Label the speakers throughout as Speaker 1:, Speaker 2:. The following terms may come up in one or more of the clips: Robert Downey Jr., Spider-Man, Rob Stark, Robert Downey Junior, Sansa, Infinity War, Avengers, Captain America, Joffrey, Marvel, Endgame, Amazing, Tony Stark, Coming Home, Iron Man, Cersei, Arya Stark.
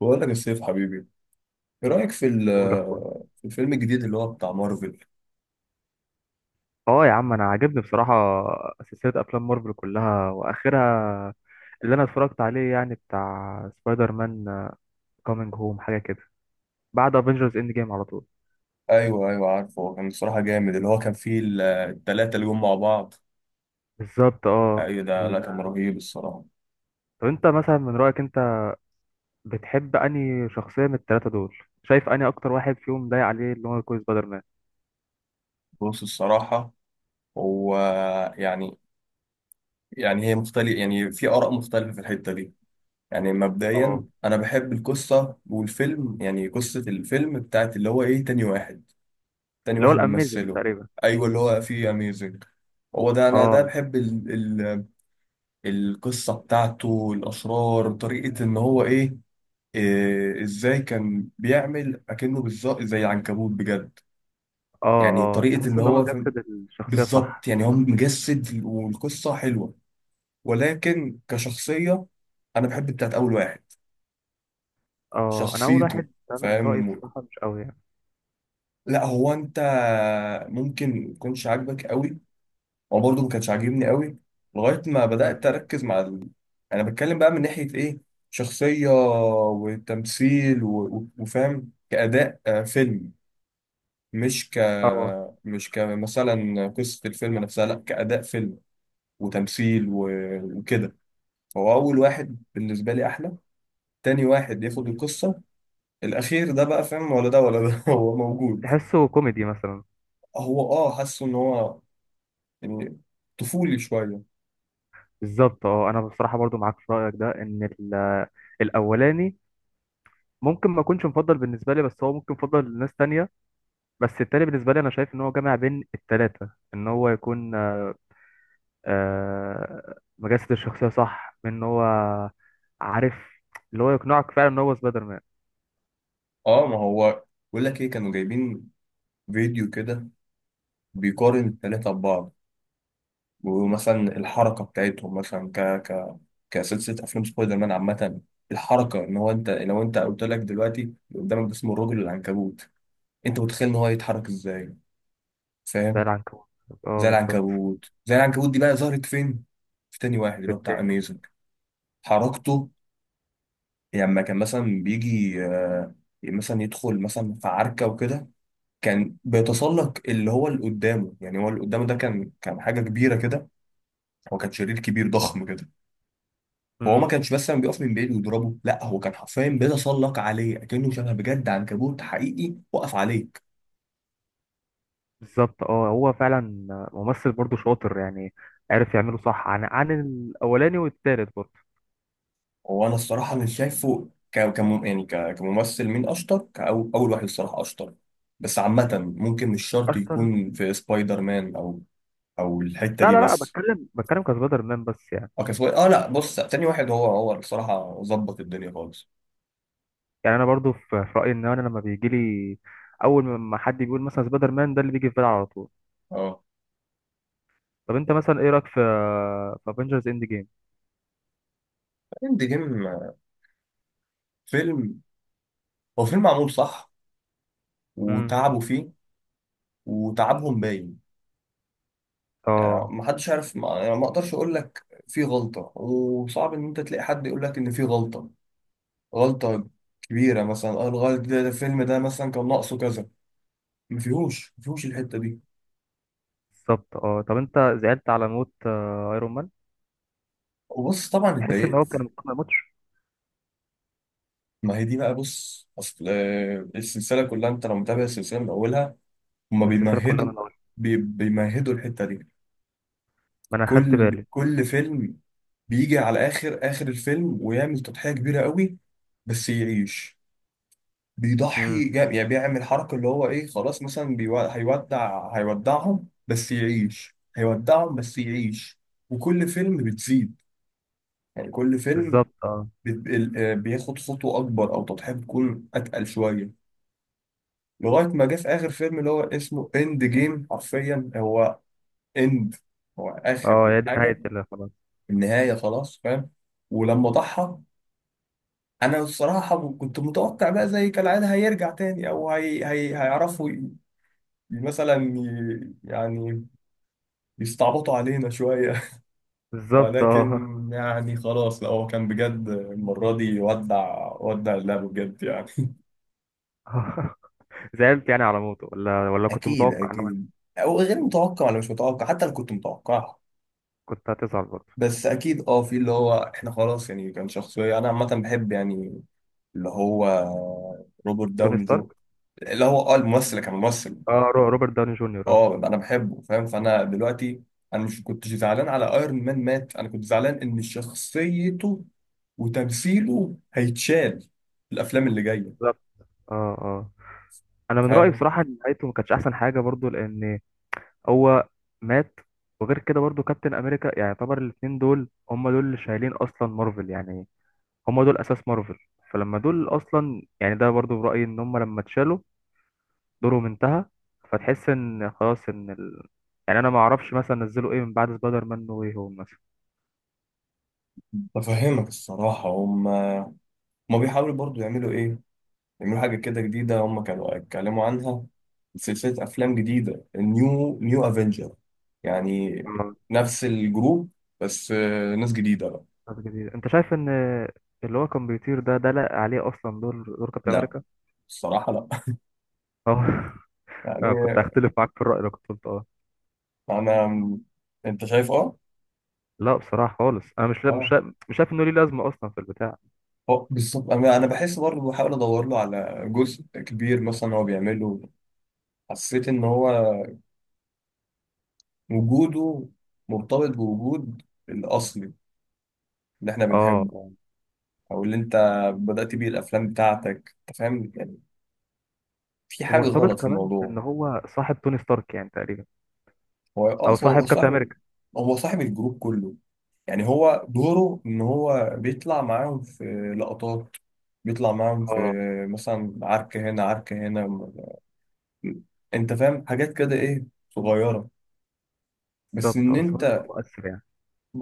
Speaker 1: بقول لك يا سيف حبيبي، ايه رايك في
Speaker 2: قول اخويا.
Speaker 1: في الفيلم الجديد اللي هو بتاع مارفل؟
Speaker 2: اه، يا عم انا عاجبني بصراحه، سلسله افلام مارفل كلها واخرها اللي انا اتفرجت عليه، يعني بتاع سبايدر مان كومينج هوم حاجه كده، بعد افنجرز اند جيم على طول.
Speaker 1: ايوه ايوه، عارفه هو كان الصراحه جامد، اللي هو كان فيه التلاته اللي جم مع بعض.
Speaker 2: بالظبط اه.
Speaker 1: ايوه ده
Speaker 2: ال...
Speaker 1: لا كان رهيب الصراحه.
Speaker 2: طب انت مثلا من رايك انت، بتحب انهي شخصيه من الثلاثه دول؟ شايف انهي اكتر واحد فيهم ضايق عليه اللي هو يكون سبايدر مان؟
Speaker 1: بص الصراحه، هو يعني، يعني هي مختلف، يعني في اراء مختلفه في الحته دي. يعني مبدئيا
Speaker 2: اه،
Speaker 1: انا بحب القصه والفيلم، يعني قصه الفيلم بتاعت اللي هو ايه، تاني واحد. تاني
Speaker 2: اللي هو
Speaker 1: واحد
Speaker 2: الاميزنج
Speaker 1: ممثله.
Speaker 2: تقريبا.
Speaker 1: ايوه اللي هو فيه اميزنج. هو ده انا ده
Speaker 2: اه،
Speaker 1: بحب القصة بتاعته، الأسرار، طريقة إن هو إيه، إيه، إزاي كان بيعمل أكنه بالظبط زي العنكبوت بجد.
Speaker 2: اه،
Speaker 1: يعني
Speaker 2: اه،
Speaker 1: طريقة
Speaker 2: تحس
Speaker 1: إن
Speaker 2: ان هو
Speaker 1: هو
Speaker 2: جسد الشخصيه
Speaker 1: بالظبط،
Speaker 2: صح.
Speaker 1: يعني هو مجسد والقصة حلوة. ولكن كشخصية، أنا بحب بتاعت أول واحد.
Speaker 2: اه، انا اول
Speaker 1: شخصيته،
Speaker 2: واحد، انا من رايي
Speaker 1: فاهم.
Speaker 2: بصراحه مش قوي يعني.
Speaker 1: لا هو أنت ممكن ما يكونش عاجبك قوي، هو برضه ما كانش عاجبني قوي لغايه ما بدات
Speaker 2: أمم.
Speaker 1: اركز مع انا بتكلم بقى من ناحيه ايه، شخصيه وتمثيل و...، وفاهم كاداء فيلم، مش ك
Speaker 2: اه،
Speaker 1: مش كمثلا قصه الفيلم نفسها، لا كاداء فيلم وتمثيل و... وكده. فهو اول واحد بالنسبه لي احلى، تاني واحد ياخد القصه، الاخير ده بقى فاهم ولا ده ولا ده هو موجود.
Speaker 2: تحسه كوميدي مثلا؟
Speaker 1: هو اه حاسه ان هو يعني طفولي شويه.
Speaker 2: بالظبط اه، انا بصراحه برضو معاك في رايك ده، ان الاولاني ممكن ما يكونش مفضل بالنسبه لي، بس هو ممكن مفضل لناس تانية. بس التاني بالنسبه لي انا شايف ان هو جامع بين التلاته، ان هو يكون مجسد الشخصيه صح، من ان هو عارف اللي هو يقنعك فعلا ان هو سبايدر مان.
Speaker 1: اه ما هو بقول لك ايه، كانوا جايبين فيديو كده بيقارن التلاتة ببعض. ومثلا الحركة بتاعتهم، مثلا ك ك كسلسلة أفلام سبايدر مان عامة. الحركة إن هو، أنت لو أنت قلت لك دلوقتي اللي قدامك ده اسمه الرجل العنكبوت، أنت متخيل إن هو هيتحرك إزاي؟
Speaker 2: زي
Speaker 1: فاهم؟
Speaker 2: العنكبوت. اه
Speaker 1: زي
Speaker 2: بالظبط.
Speaker 1: العنكبوت. زي العنكبوت دي بقى ظهرت فين؟ في تاني واحد
Speaker 2: في
Speaker 1: اللي هو بتاع
Speaker 2: التاني.
Speaker 1: أميزنج. حركته، يعني لما كان مثلا بيجي مثلا يدخل مثلا في عركة وكده، كان بيتسلق اللي هو اللي قدامه. يعني هو اللي قدامه ده كان حاجة كبيرة كده، هو كان شرير كبير ضخم كده. فهو ما
Speaker 2: مم.
Speaker 1: كانش بس لما بيقف من بعيد ويضربه، لا هو كان حرفيا بيتسلق عليه اكنه شبه بجد عنكبوت حقيقي وقف عليك.
Speaker 2: بالظبط اه، هو فعلا ممثل برضو شاطر، يعني عارف يعمله صح، عن الاولاني والتالت برضو.
Speaker 1: هو انا الصراحه مش شايفه كم، يعني كممثل مين اشطر، كأو اول واحد الصراحه اشطر. بس عامه، ممكن مش شرط
Speaker 2: اشطر.
Speaker 1: يكون في سبايدر مان او او الحته
Speaker 2: لا،
Speaker 1: دي
Speaker 2: لا، لا،
Speaker 1: بس.
Speaker 2: بتكلم بتكلم كسبايدر مان بس يعني.
Speaker 1: اه كان اه لا بص، تاني واحد هو هو الصراحه ظبط الدنيا خالص.
Speaker 2: يعني انا برضو في رايي، ان انا لما بيجي لي اول ما حد بيقول مثلا سبايدر مان، ده اللي بيجي في بالي على طول.
Speaker 1: اه
Speaker 2: طب انت مثلا ايه رايك في افنجرز اند جيم؟
Speaker 1: اند جيم فيلم، هو فيلم معمول صح
Speaker 2: امم،
Speaker 1: وتعبوا فيه وتعبهم باين. يعني
Speaker 2: اه
Speaker 1: ما حدش عارف، ما يعني ما اقدرش اقول لك في غلطة، وصعب ان انت تلاقي حد يقول لك ان في غلطة، غلطة كبيرة مثلا. اه الغلط ده, ده الفيلم ده مثلا كان ناقصه كذا، ما فيهوش الحتة دي.
Speaker 2: بالظبط. اه طب انت، زعلت على موت ايرون مان؟
Speaker 1: وبص طبعا
Speaker 2: تحس ان هو كان
Speaker 1: اتضايقت.
Speaker 2: المفروض ما يموتش؟
Speaker 1: ما هي دي بقى، بص اصل السلسلة كلها انت لو متابع السلسلة من اولها، هما
Speaker 2: من السلسله كلها،
Speaker 1: بيمهدوا،
Speaker 2: من اول
Speaker 1: بيمهدوا الحتة دي.
Speaker 2: ما انا خدت
Speaker 1: كل
Speaker 2: بالي.
Speaker 1: كل فيلم بيجي على اخر الفيلم ويعمل تضحية كبيرة قوي بس يعيش.
Speaker 2: امم،
Speaker 1: بيضحي يعني بيعمل حركة اللي هو إيه خلاص، مثلا هيودعهم بس يعيش، هيودعهم بس يعيش. وكل فيلم بتزيد، يعني كل فيلم
Speaker 2: بالظبط. اه
Speaker 1: بياخد خطوة أكبر أو تضحية بتكون أتقل شوية، لغاية ما جه في آخر فيلم اللي هو اسمه إند جيم حرفيا، هو إند، هو
Speaker 2: اه،
Speaker 1: آخر
Speaker 2: هي دي
Speaker 1: حاجة.
Speaker 2: نهايه خلاص.
Speaker 1: النهاية خلاص، فاهم. ولما ضحى، أنا الصراحة كنت متوقع بقى زي كالعادة هيرجع تاني أو هيعرفوا مثلا، يعني يستعبطوا علينا شوية
Speaker 2: بالظبط
Speaker 1: ولكن
Speaker 2: اه.
Speaker 1: يعني خلاص، لا هو كان بجد المرة دي ودع، ودع اللعبة بجد يعني.
Speaker 2: زعلت يعني على موته، ولا كنت
Speaker 1: اكيد
Speaker 2: متوقع ان هو
Speaker 1: اكيد، او غير متوقع ولا مش متوقع، حتى لو كنت متوقعها
Speaker 2: كنت هتزعل برضه؟
Speaker 1: بس اكيد. اه في اللي هو احنا خلاص، يعني كان شخصيه انا عامه بحب، يعني اللي هو روبرت
Speaker 2: توني
Speaker 1: داوني
Speaker 2: ستارك.
Speaker 1: جو، اللي هو اه الممثل، كان ممثل
Speaker 2: اه، روبرت داوني جونيور اه.
Speaker 1: اه انا بحبه فاهم. فانا دلوقتي انا مش كنتش زعلان على ايرون مان مات، انا كنت زعلان ان شخصيته وتمثيله هيتشال في الافلام اللي جايه،
Speaker 2: بالظبط اه اه، انا من رايي
Speaker 1: فاهم.
Speaker 2: بصراحه ان نهايته ما كانتش احسن حاجه برضو، لان هو مات. وغير كده برضو كابتن امريكا، يعني يعتبر الاثنين دول هم دول اللي شايلين اصلا مارفل يعني. هم دول اساس مارفل. فلما دول اصلا، يعني ده برضو برايي، ان هم لما اتشالوا دورهم انتهى. فتحس ان خلاص، ان يعني انا ما اعرفش مثلا نزلوا ايه من بعد سبايدر مان نو واي هوم مثلا.
Speaker 1: بفهمك الصراحه، هم بيحاولوا برضو يعملوا ايه، يعملوا حاجه كده جديده. هم كانوا اتكلموا عنها، سلسله افلام جديده، النيو افنجر، يعني
Speaker 2: آه.
Speaker 1: نفس الجروب بس ناس جديده بقى.
Speaker 2: طب جديد، انت شايف ان اللي هو كان بيطير ده، لا عليه اصلا دور كابتن
Speaker 1: لا
Speaker 2: امريكا؟
Speaker 1: الصراحه لا
Speaker 2: اه. أنا كنت
Speaker 1: يعني
Speaker 2: هختلف معاك في الرأي اللي كنت قلته اه.
Speaker 1: انا، انت شايف اه.
Speaker 2: لا بصراحة خالص، أنا
Speaker 1: اه
Speaker 2: مش شايف إنه ليه لازمة أصلا في البتاع.
Speaker 1: هو بالظبط، انا بحس برضه بحاول ادور له على جزء كبير مثلا هو بيعمله. حسيت ان هو وجوده مرتبط بوجود الاصلي اللي احنا
Speaker 2: اه،
Speaker 1: بنحبه،
Speaker 2: آه.
Speaker 1: او اللي انت بدأت بيه الافلام بتاعتك، انت فاهم يعني، في حاجه
Speaker 2: ومرتبط
Speaker 1: غلط في
Speaker 2: كمان
Speaker 1: الموضوع.
Speaker 2: بإن هو صاحب توني ستارك يعني تقريبا،
Speaker 1: هو اه
Speaker 2: أو
Speaker 1: هو
Speaker 2: صاحب كابتن
Speaker 1: صاحب،
Speaker 2: أمريكا.
Speaker 1: هو صاحب الجروب كله. يعني هو دوره ان هو بيطلع معاهم في لقطات، بيطلع معاهم في
Speaker 2: اه
Speaker 1: مثلا عركه هنا عركه هنا، انت فاهم حاجات كده ايه صغيره، بس
Speaker 2: بالظبط،
Speaker 1: ان
Speaker 2: بس هو برضه
Speaker 1: انت
Speaker 2: مؤثر يعني.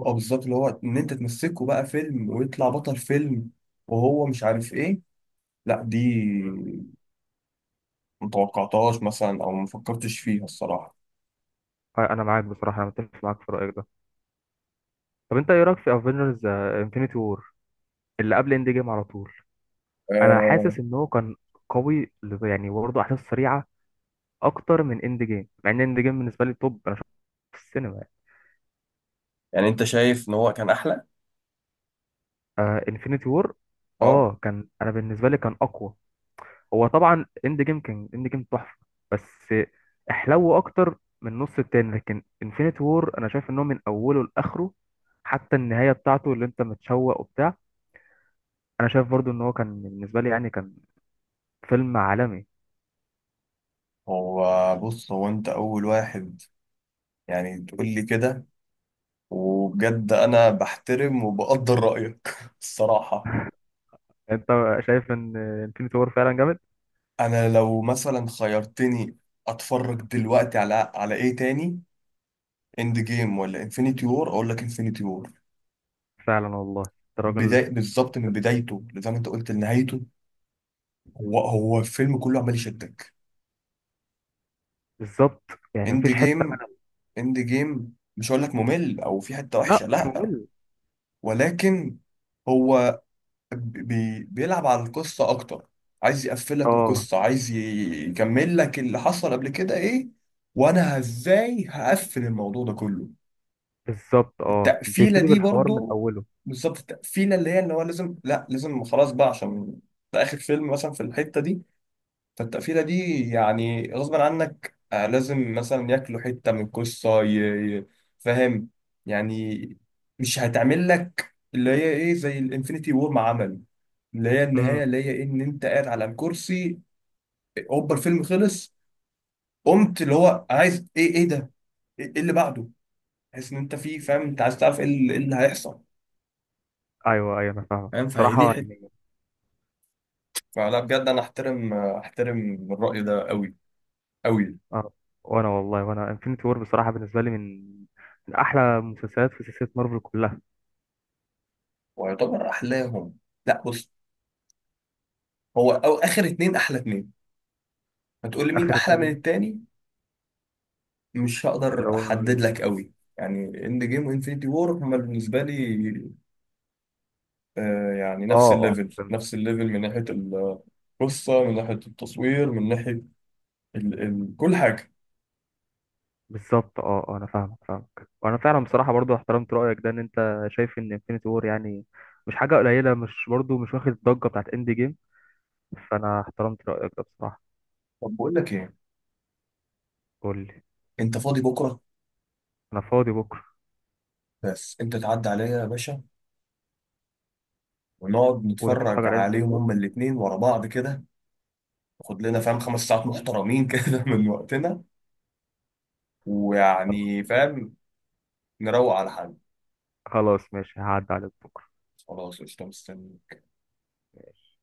Speaker 1: اه بالظبط، اللي هو ان انت تمسكه بقى فيلم ويطلع بطل فيلم وهو مش عارف ايه، لا دي
Speaker 2: مم.
Speaker 1: متوقعتهاش مثلا او مفكرتش فيها الصراحة.
Speaker 2: أنا معاك بصراحة، أنا متفق معاك في رأيك ده. طب أنت إيه رأيك في افنجرز انفينيتي وور اللي قبل إند جيم على طول؟ أنا
Speaker 1: آه.
Speaker 2: حاسس إن هو كان قوي، يعني برضه أحداث سريعة أكتر من إند جيم، مع إن إند جيم بالنسبة لي توب، أنا شفته في السينما.
Speaker 1: يعني انت شايف ان هو كان احلى،
Speaker 2: آه انفينيتي وور.
Speaker 1: اه.
Speaker 2: اه كان، انا بالنسبه لي كان اقوى. هو طبعا اند جيم كان، اند جيم تحفه، بس احلو اكتر من نص التاني. لكن انفينيتي وور انا شايف ان هو من اوله لاخره، حتى النهايه بتاعته اللي انت متشوق وبتاع. انا شايف برضو ان هو كان بالنسبه لي يعني كان فيلم عالمي.
Speaker 1: هو بص، هو انت اول واحد يعني تقول لي كده، وبجد انا بحترم وبقدر رأيك الصراحة.
Speaker 2: انت شايف ان انفينيتي وور فعلا جامد.
Speaker 1: انا لو مثلا خيرتني اتفرج دلوقتي على على ايه تاني، اند جيم ولا انفينيتي وور، اقول لك انفينيتي وور.
Speaker 2: فعلا والله أنت
Speaker 1: بداية
Speaker 2: راجل.
Speaker 1: بالظبط من بدايته زي ما انت قلت لنهايته، هو الفيلم كله عمال يشدك.
Speaker 2: بالظبط، يعني
Speaker 1: اند
Speaker 2: مفيش حته
Speaker 1: جيم،
Speaker 2: من...
Speaker 1: اند جيم مش هقول لك ممل او في حته
Speaker 2: لا
Speaker 1: وحشه
Speaker 2: مش
Speaker 1: لا،
Speaker 2: ممل.
Speaker 1: ولكن هو بيلعب على القصه اكتر، عايز يقفلك
Speaker 2: اه
Speaker 1: القصه، عايز يكمل لك اللي حصل قبل كده ايه وانا ازاي هقفل الموضوع ده كله.
Speaker 2: بالظبط، اه
Speaker 1: التقفيله
Speaker 2: بيبتدي
Speaker 1: دي
Speaker 2: بالحوار من
Speaker 1: برضو
Speaker 2: اوله.
Speaker 1: بالظبط، التقفيله اللي هي اللي هو لازم، لا لازم خلاص بقى عشان ده اخر فيلم مثلا في الحته دي. فالتقفيلة دي يعني غصب عنك لازم مثلا ياكلوا حتة من القصة فاهم يعني. مش هتعمل لك اللي هي ايه زي الانفينيتي وور ما عمل، اللي هي النهاية اللي هي إيه، ان انت قاعد على الكرسي، هوبا الفيلم خلص، قمت اللي هو عايز ايه، ايه ده، ايه إيه اللي بعده، تحس ان انت فيه، فاهم، انت عايز تعرف ايه اللي إيه اللي هيحصل.
Speaker 2: ايوه، ايوه، انا فاهمك
Speaker 1: فاهم. فهي دي
Speaker 2: بصراحه
Speaker 1: حتة.
Speaker 2: يعني.
Speaker 1: فلا بجد انا احترم احترم الرأي ده قوي قوي.
Speaker 2: اه، وانا والله وانا انفينيتي وور بصراحه بالنسبه لي من احلى مسلسلات في سلسله مارفل كلها.
Speaker 1: ويعتبر احلاهم؟ لا بص، هو أو آخر اتنين أحلى اتنين، هتقول لي مين
Speaker 2: اخر
Speaker 1: أحلى من
Speaker 2: اتنين
Speaker 1: التاني، مش
Speaker 2: اللي
Speaker 1: هقدر
Speaker 2: هو،
Speaker 1: أحدد لك قوي يعني. إند جيم وإنفينيتي وور هما بالنسبة لي آه يعني
Speaker 2: اه
Speaker 1: نفس
Speaker 2: اه
Speaker 1: الليفل،
Speaker 2: فهمت.
Speaker 1: نفس الليفل من ناحية القصة من ناحية التصوير من ناحية ال ال كل حاجة.
Speaker 2: بالظبط اه اه، انا فاهمك فاهمك، وانا فعلا بصراحه برضو احترمت رايك ده، ان انت شايف ان انفينيتي وور يعني مش حاجه قليله، مش برضو مش واخد الضجه بتاعت اند جيم. فانا احترمت رايك ده بصراحه.
Speaker 1: طب بقول لك إيه،
Speaker 2: قول لي.
Speaker 1: أنت فاضي بكرة؟
Speaker 2: انا فاضي بكره.
Speaker 1: بس أنت تعدي عليا يا باشا، ونقعد
Speaker 2: ونتفرج
Speaker 1: نتفرج
Speaker 2: على انفينيتي
Speaker 1: عليهم
Speaker 2: وور.
Speaker 1: هما الاتنين ورا بعض كده. ناخد لنا فاهم 5 ساعات محترمين كده من وقتنا،
Speaker 2: خلاص.
Speaker 1: ويعني فاهم نروق على حد.
Speaker 2: خلاص، ماشي هعدي عليك بكره.
Speaker 1: خلاص قشطة، مستني.
Speaker 2: ماشي